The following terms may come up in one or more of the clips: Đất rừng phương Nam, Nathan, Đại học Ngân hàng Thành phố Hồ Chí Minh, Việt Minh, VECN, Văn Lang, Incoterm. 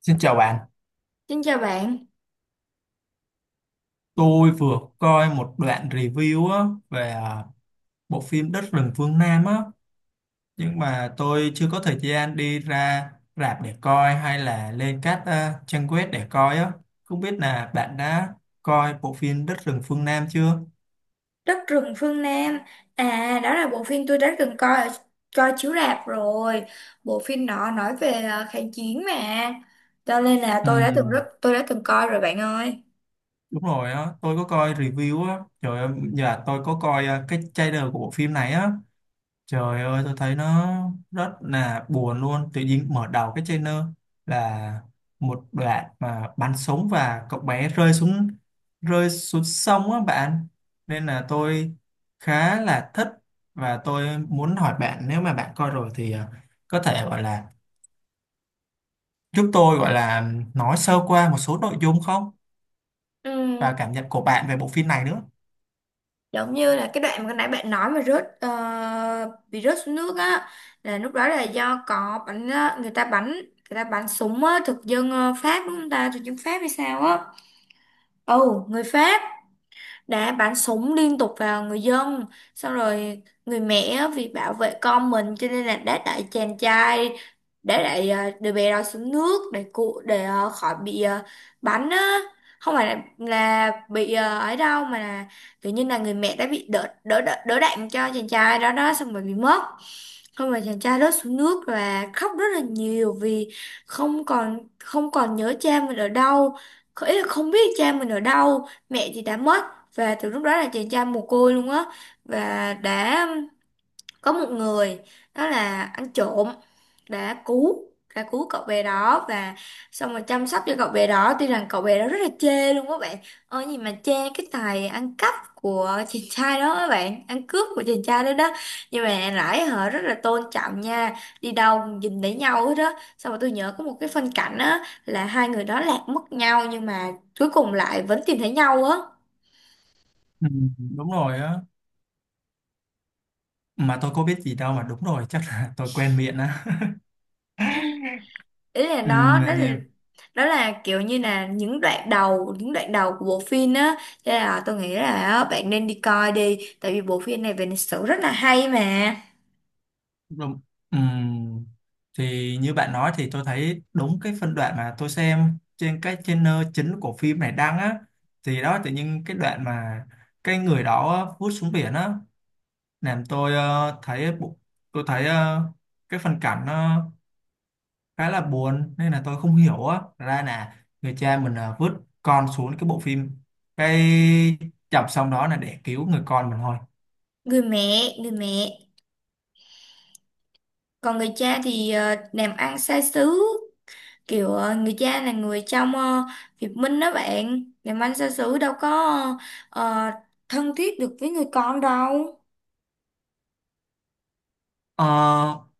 Xin chào bạn, Xin chào bạn, tôi vừa coi một đoạn review á, về bộ phim Đất rừng phương Nam á, nhưng mà tôi chưa có thời gian đi ra rạp để coi hay là lên các trang web để coi á. Không biết là bạn đã coi bộ phim Đất rừng phương Nam chưa? Đất rừng phương Nam. À, đó là bộ phim tôi đã từng coi chiếu rạp rồi. Bộ phim đó nói về kháng chiến mà. Cho nên là tôi đã từng Ừm, rất tôi đã từng coi rồi bạn ơi. đúng rồi á, tôi có coi review á, trời ơi, giờ tôi có coi cái trailer của bộ phim này á. Trời ơi, tôi thấy nó rất là buồn luôn. Tự nhiên mở đầu cái trailer là một đoạn mà bắn súng và cậu bé rơi xuống sông á bạn. Nên là tôi khá là thích và tôi muốn hỏi bạn nếu mà bạn coi rồi thì có thể gọi là giúp tôi gọi là nói sơ qua một số nội dung không Ừ, và cảm nhận của bạn về bộ phim này nữa. giống như là cái đoạn mà nãy bạn nói mà bị rớt xuống nước á, là lúc đó là do có người ta bắn súng á, thực dân Pháp đúng không ta, thực dân Pháp hay sao á. Ồ, người Pháp đã bắn súng liên tục vào người dân, xong rồi người mẹ vì bảo vệ con mình cho nên là đã đẩy chàng trai đã đẩy ờ, đứa bé đó xuống nước để khỏi bắn á, không phải là bị ấy đâu, mà là kiểu như là người mẹ đã bị đỡ đạn cho chàng trai đó đó, xong rồi bị mất. Không, rồi chàng trai rớt xuống nước và khóc rất là nhiều vì không còn nhớ cha mình ở đâu, ý là không biết cha mình ở đâu, mẹ thì đã mất. Và từ lúc đó là chàng trai mồ côi luôn á, và đã có một người, đó là ăn trộm, đã cứu đã cứu cậu bé đó, và xong rồi chăm sóc cho cậu bé đó, tuy rằng cậu bé đó rất là chê luôn các bạn ơ, gì mà chê cái tài ăn cắp của chàng trai đó, các bạn, ăn cướp của chàng trai đó đó, nhưng mà lại họ rất là tôn trọng nha, đi đâu cũng nhìn thấy nhau hết đó, xong rồi tôi nhớ có một cái phân cảnh á là hai người đó lạc mất nhau nhưng mà cuối cùng lại vẫn tìm thấy nhau á. Ừ, đúng rồi á. Mà tôi có biết gì đâu mà đúng rồi, chắc là tôi quen miệng á. Ý là Ừ. đó đó là Đó là kiểu như là những đoạn đầu của bộ phim á, cho nên là tôi nghĩ là á, bạn nên đi coi đi, tại vì bộ phim này về lịch sử rất là hay mà. Đúng. Ừm. Thì như bạn nói thì tôi thấy đúng cái phân đoạn mà tôi xem trên cái channel chính của phim này đăng á thì đó tự nhiên cái đoạn mà cái người đó vút xuống biển á làm tôi thấy tôi thấy cái phân cảnh nó khá là buồn nên là tôi không hiểu á ra là người cha mình vứt con xuống cái bộ phim cái chập xong đó là để cứu người con mình thôi. Người mẹ, còn người cha thì làm ăn xa xứ, kiểu người cha là người trong Việt Minh đó bạn, làm ăn xa xứ đâu có ờ, thân thiết được với người con đâu. Ờ,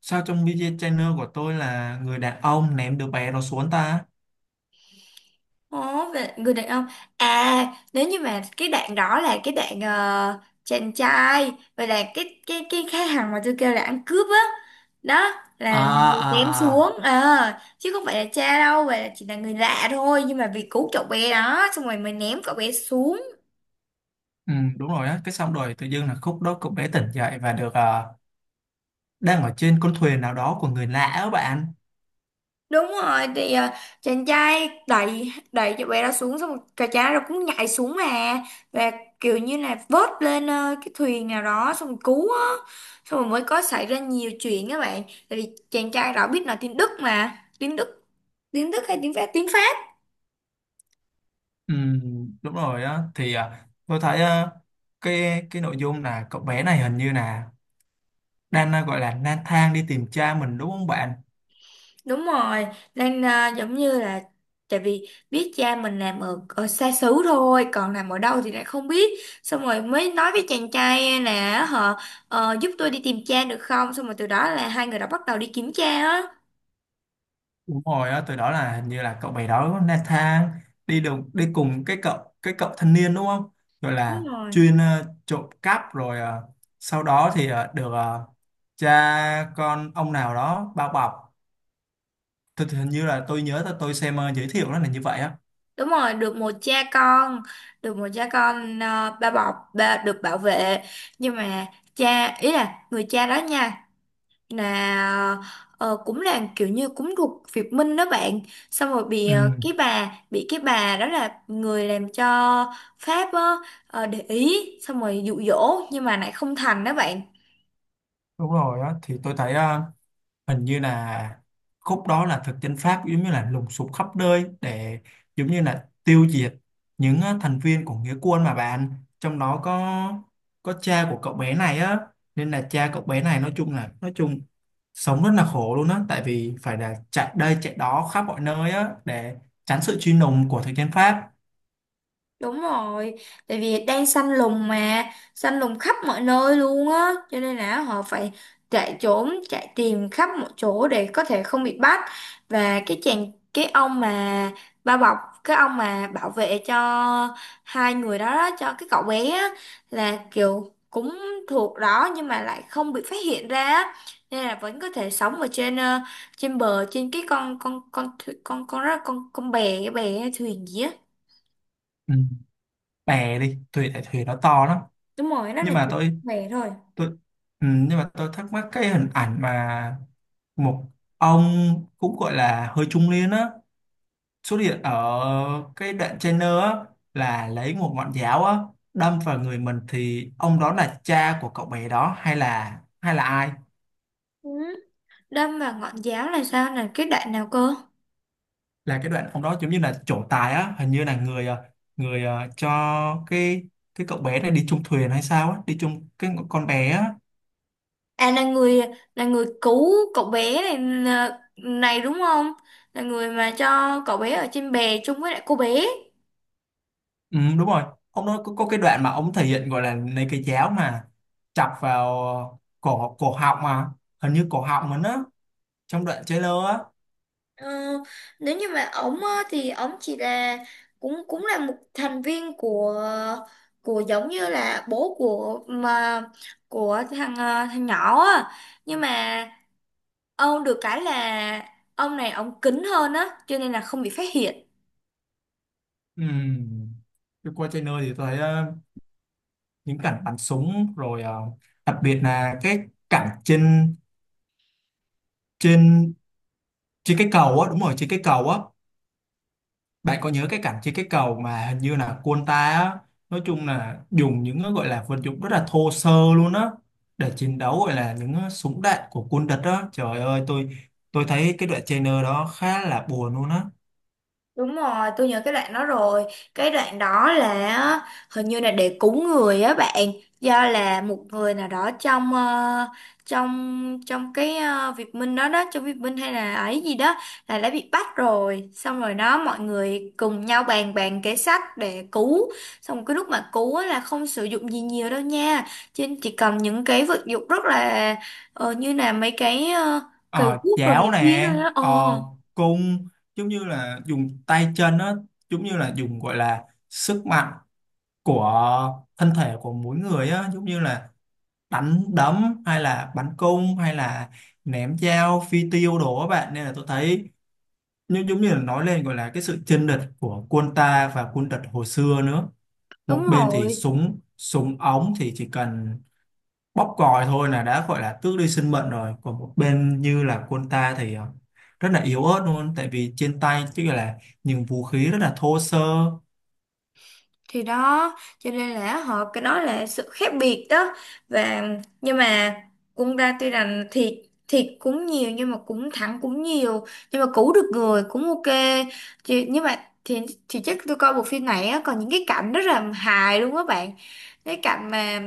sao trong video channel của tôi là người đàn ông ném đứa bé đó xuống ta? Ồ, về người đàn ông à, nếu như mà cái đoạn đó là cái đoạn chàng trai, vậy là cái thằng mà tôi kêu là ăn cướp á, đó à là người à ném xuống à ờ, chứ không phải là cha đâu, vậy là chỉ là người lạ thôi, nhưng mà vì cứu cậu bé đó xong rồi mình ném cậu bé xuống. Ừ, đúng rồi á, cái xong rồi tự dưng là khúc đó cậu bé tỉnh dậy và được đang ở trên con thuyền nào đó của người lạ á bạn. Đúng rồi, thì chàng trai đẩy đẩy cho bé đó xuống, xong rồi cả trai rồi cũng nhảy xuống mà, và kiểu như là vớt lên cái thuyền nào đó, xong rồi cứu á, xong rồi mới có xảy ra nhiều chuyện các bạn, tại vì chàng trai đó biết nói tiếng Đức mà, tiếng Đức hay tiếng Pháp. Ừ, đúng rồi á, thì tôi thấy cái nội dung là cậu bé này hình như là đang gọi là lang thang đi tìm cha mình đúng không bạn? Đúng rồi, nên à, giống như là tại vì biết cha mình làm ở, ở xa xứ thôi, còn làm ở đâu thì lại không biết. Xong rồi mới nói với chàng trai là họ giúp tôi đi tìm cha được không? Xong rồi từ đó là hai người đã bắt đầu đi kiếm cha á. Đúng rồi á, từ đó là hình như là cậu bé đó Nathan đi đồng đi cùng cái cậu thanh niên đúng không? Rồi Đúng là rồi. chuyên trộm cắp rồi sau đó thì được cha con ông nào đó bao bọc. Thì hình như là tôi nhớ tôi xem giới thiệu nó là như vậy á. Đúng rồi, được một cha con, được một cha con, ba bọc, ba được bảo vệ. Nhưng mà cha, ý là người cha đó nha, là cũng là kiểu như cũng thuộc Việt Minh đó bạn, xong rồi Ừ, cái bà, bị cái bà đó là người làm cho Pháp á, ờ, để ý xong rồi dụ dỗ nhưng mà lại không thành đó bạn. đúng rồi á, thì tôi thấy hình như là khúc đó là thực dân Pháp giống như là lùng sục khắp nơi để giống như là tiêu diệt những thành viên của nghĩa quân mà bạn, trong đó có cha của cậu bé này á, nên là cha cậu bé này nói chung là nói chung sống rất là khổ luôn á tại vì phải là chạy đây chạy đó khắp mọi nơi á để tránh sự truy lùng của thực dân Pháp. Đúng rồi, tại vì đang săn lùng mà, săn lùng khắp mọi nơi luôn á, cho nên là họ phải chạy trốn, chạy tìm khắp mọi chỗ để có thể không bị bắt. Và cái ông mà bao bọc, cái ông mà bảo vệ cho hai người đó, đó cho cái cậu bé á, là kiểu cũng thuộc đó nhưng mà lại không bị phát hiện ra á, nên là vẫn có thể sống ở trên trên bờ, trên cái con bè cái bè thuyền gì á. Ừ. Bè đi thuyền tại thuyền nó to lắm, Đúng rồi, nó nhưng là mà chỉ tôi về thôi. tôi ừ, nhưng mà tôi thắc mắc cái hình ảnh mà một ông cũng gọi là hơi trung niên á xuất hiện ở cái đoạn trainer á là lấy một ngọn giáo á đâm vào người mình thì ông đó là cha của cậu bé đó hay là ai. Ừ. Đâm vào ngọn giáo là sao, là cái đoạn nào cơ? Là cái đoạn ông đó giống như là trổ tài á hình như là người cho cái cái cậu bé này đi chung thuyền hay sao á, đi chung cái con bé á. À, là người, là người cứu cậu bé này này đúng không? Là người mà cho cậu bé ở trên bè chung với lại cô bé. Ừ, đúng rồi, ông đó có cái đoạn mà ông thể hiện gọi là lấy cái giáo mà chọc vào cổ cổ họng mà hình như cổ họng mình á, trong đoạn trailer á. Ờ, nếu như mà ổng á, thì ổng chỉ là cũng cũng là một thành viên của giống như là bố của mà của thằng nhỏ á. Nhưng mà ông được cái là ông này ông kín hơn á, cho nên là không bị phát hiện. Ừm, tôi qua trailer thì tôi thấy những cảnh bắn súng rồi đặc biệt là cái cảnh trên trên trên cái cầu á, đúng rồi, trên cái cầu á. Bạn có nhớ cái cảnh trên cái cầu mà hình như là quân ta á nói chung là dùng những cái gọi là vật dụng rất là thô sơ luôn á để chiến đấu gọi là những súng đạn của quân địch á, trời ơi, tôi thấy cái đoạn trailer đó khá là buồn luôn á. Đúng rồi, tôi nhớ cái đoạn đó rồi. Cái đoạn đó là á, hình như là để cúng người á bạn, do là một người nào đó trong trong trong cái Việt Minh đó đó, trong Việt Minh hay là ấy gì đó, là đã bị bắt rồi. Xong rồi đó mọi người cùng nhau bàn bàn kế sách để cứu. Xong cái lúc mà cứu á, là không sử dụng gì nhiều đâu nha. Trên chỉ cầm những cái vật dụng rất là ờ, như là mấy cái uh, cầy Ờ, cuốc đồ này Chảo kia nè thôi á. Ờ, ờ, cung giống như là dùng tay chân á, giống như là dùng gọi là sức mạnh của thân thể của mỗi người á, giống như là đánh đấm hay là bắn cung hay là ném dao phi tiêu đồ á bạn, nên là tôi thấy như giống như là nói lên gọi là cái sự chênh lệch của quân ta và quân địch hồi xưa nữa. Một đúng bên thì rồi. súng súng ống thì chỉ cần bóp còi thôi là đã gọi là tước đi sinh mệnh rồi, còn một bên như là quân ta thì rất là yếu ớt luôn tại vì trên tay chứ là những vũ khí rất là thô sơ. Thì đó cho nên là họ, cái đó là sự khác biệt đó, và nhưng mà cũng ra, tuy rằng thiệt thiệt cũng nhiều nhưng mà cũng thẳng cũng nhiều, nhưng mà cứu được người cũng ok. Nhưng mà thì thì chắc tôi coi bộ phim này á, còn những cái cảnh rất là hài luôn á bạn, cái cảnh mà,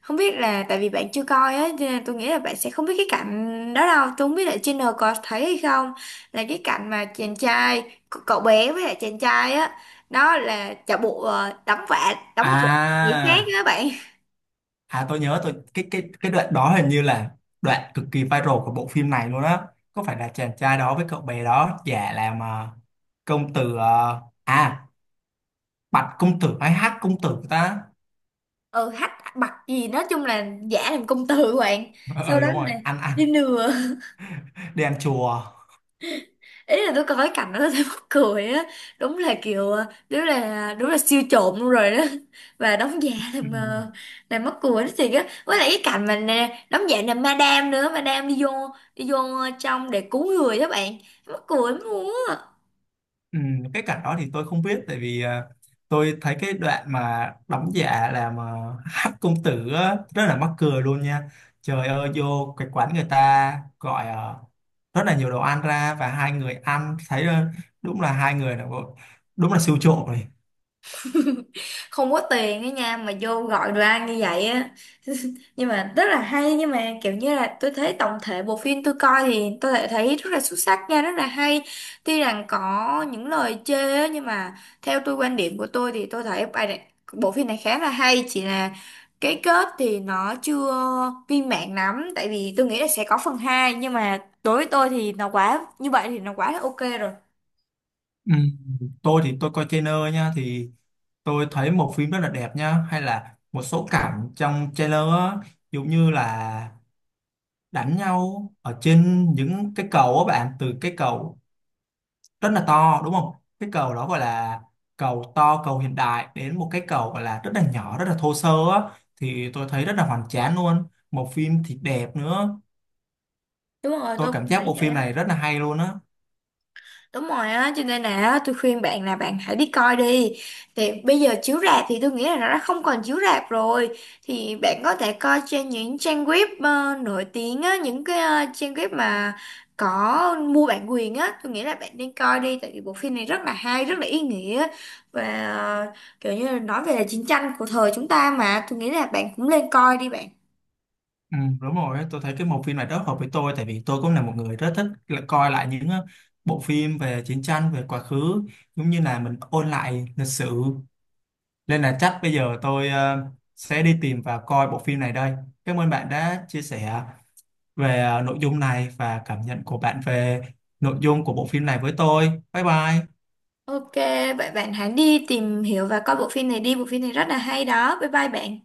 không biết là tại vì bạn chưa coi á cho nên tôi nghĩ là bạn sẽ không biết cái cảnh đó đâu, tôi không biết là trên N có thấy hay không, là cái cảnh mà chàng trai, cậu bé với lại chàng trai á, đó là chợ bộ đóng vạ đóng giả người khác à á bạn. à tôi nhớ tôi cái đoạn đó hình như là đoạn cực kỳ viral của bộ phim này luôn á. Có phải là chàng trai đó với cậu bé đó giả làm công tử, bạch công tử hay hát công tử ta. Ừ, hách bặc gì, nói chung là giả làm công tử của bạn, Ờ sau ừ, đó đúng rồi, là ăn đi ăn lừa, đi ăn chùa. ý là tôi coi cái cảnh đó tôi thấy mắc cười á, đúng là kiểu đúng là siêu trộm luôn rồi đó, và đóng giả Ừ. làm làm mắc cười đó thì á, với lại cái cảnh mà nè, đóng giả làm madam nữa, madam đi vô, đi vô trong để cứu người đó bạn, mắc cười lắm luôn á. Ừ, cái cảnh đó thì tôi không biết tại vì tôi thấy cái đoạn mà đóng giả làm hắc công tử á, rất là mắc cười luôn nha. Trời ơi, vô cái quán người ta gọi rất là nhiều đồ ăn ra và hai người ăn thấy đúng là hai người là đúng là siêu trộm rồi. Không có tiền á nha mà vô gọi đồ ăn như vậy á, nhưng mà rất là hay, nhưng mà kiểu như là tôi thấy tổng thể bộ phim tôi coi thì tôi lại thấy rất là xuất sắc nha, rất là hay, tuy rằng có những lời chê á, nhưng mà theo tôi, quan điểm của tôi thì tôi thấy bài này, bộ phim này khá là hay, chỉ là cái kết thì nó chưa viên mãn lắm, tại vì tôi nghĩ là sẽ có phần hai, nhưng mà đối với tôi thì nó quá, như vậy thì nó quá là ok rồi. Ừ. Tôi thì tôi coi trailer nha thì tôi thấy một phim rất là đẹp nha, hay là một số cảnh trong trailer á, giống như là đánh nhau ở trên những cái cầu á bạn, từ cái cầu rất là to đúng không, cái cầu đó gọi là cầu to, cầu hiện đại đến một cái cầu gọi là rất là nhỏ rất là thô sơ á, thì tôi thấy rất là hoành tráng luôn, một phim thì đẹp nữa. Đúng rồi Tôi tôi cảm cũng giác thấy bộ vậy phim á. này rất là hay luôn á. Đúng rồi á, cho nên là á, tôi khuyên bạn là bạn hãy đi coi đi. Thì bây giờ chiếu rạp thì tôi nghĩ là nó đã không còn chiếu rạp rồi. Thì bạn có thể coi trên những trang web nổi tiếng á, những cái trang web mà có mua bản quyền á. Tôi nghĩ là bạn nên coi đi, tại vì bộ phim này rất là hay, rất là ý nghĩa. Và ờ, kiểu như là nói về là chiến tranh của thời chúng ta mà. Tôi nghĩ là bạn cũng nên coi đi bạn. Ừ, đúng rồi, tôi thấy cái bộ phim này rất hợp với tôi tại vì tôi cũng là một người rất thích là coi lại những ờ, bộ phim về chiến tranh về quá khứ, giống như là mình ôn lại lịch sử, nên là chắc bây giờ tôi sẽ đi tìm và coi bộ phim này đây. Cảm ơn bạn đã chia sẻ về nội dung này và cảm nhận của bạn về nội dung của bộ phim này với tôi. Bye bye. Ok, vậy bạn hãy đi tìm hiểu và coi bộ phim này đi. Bộ phim này rất là hay đó. Bye bye bạn.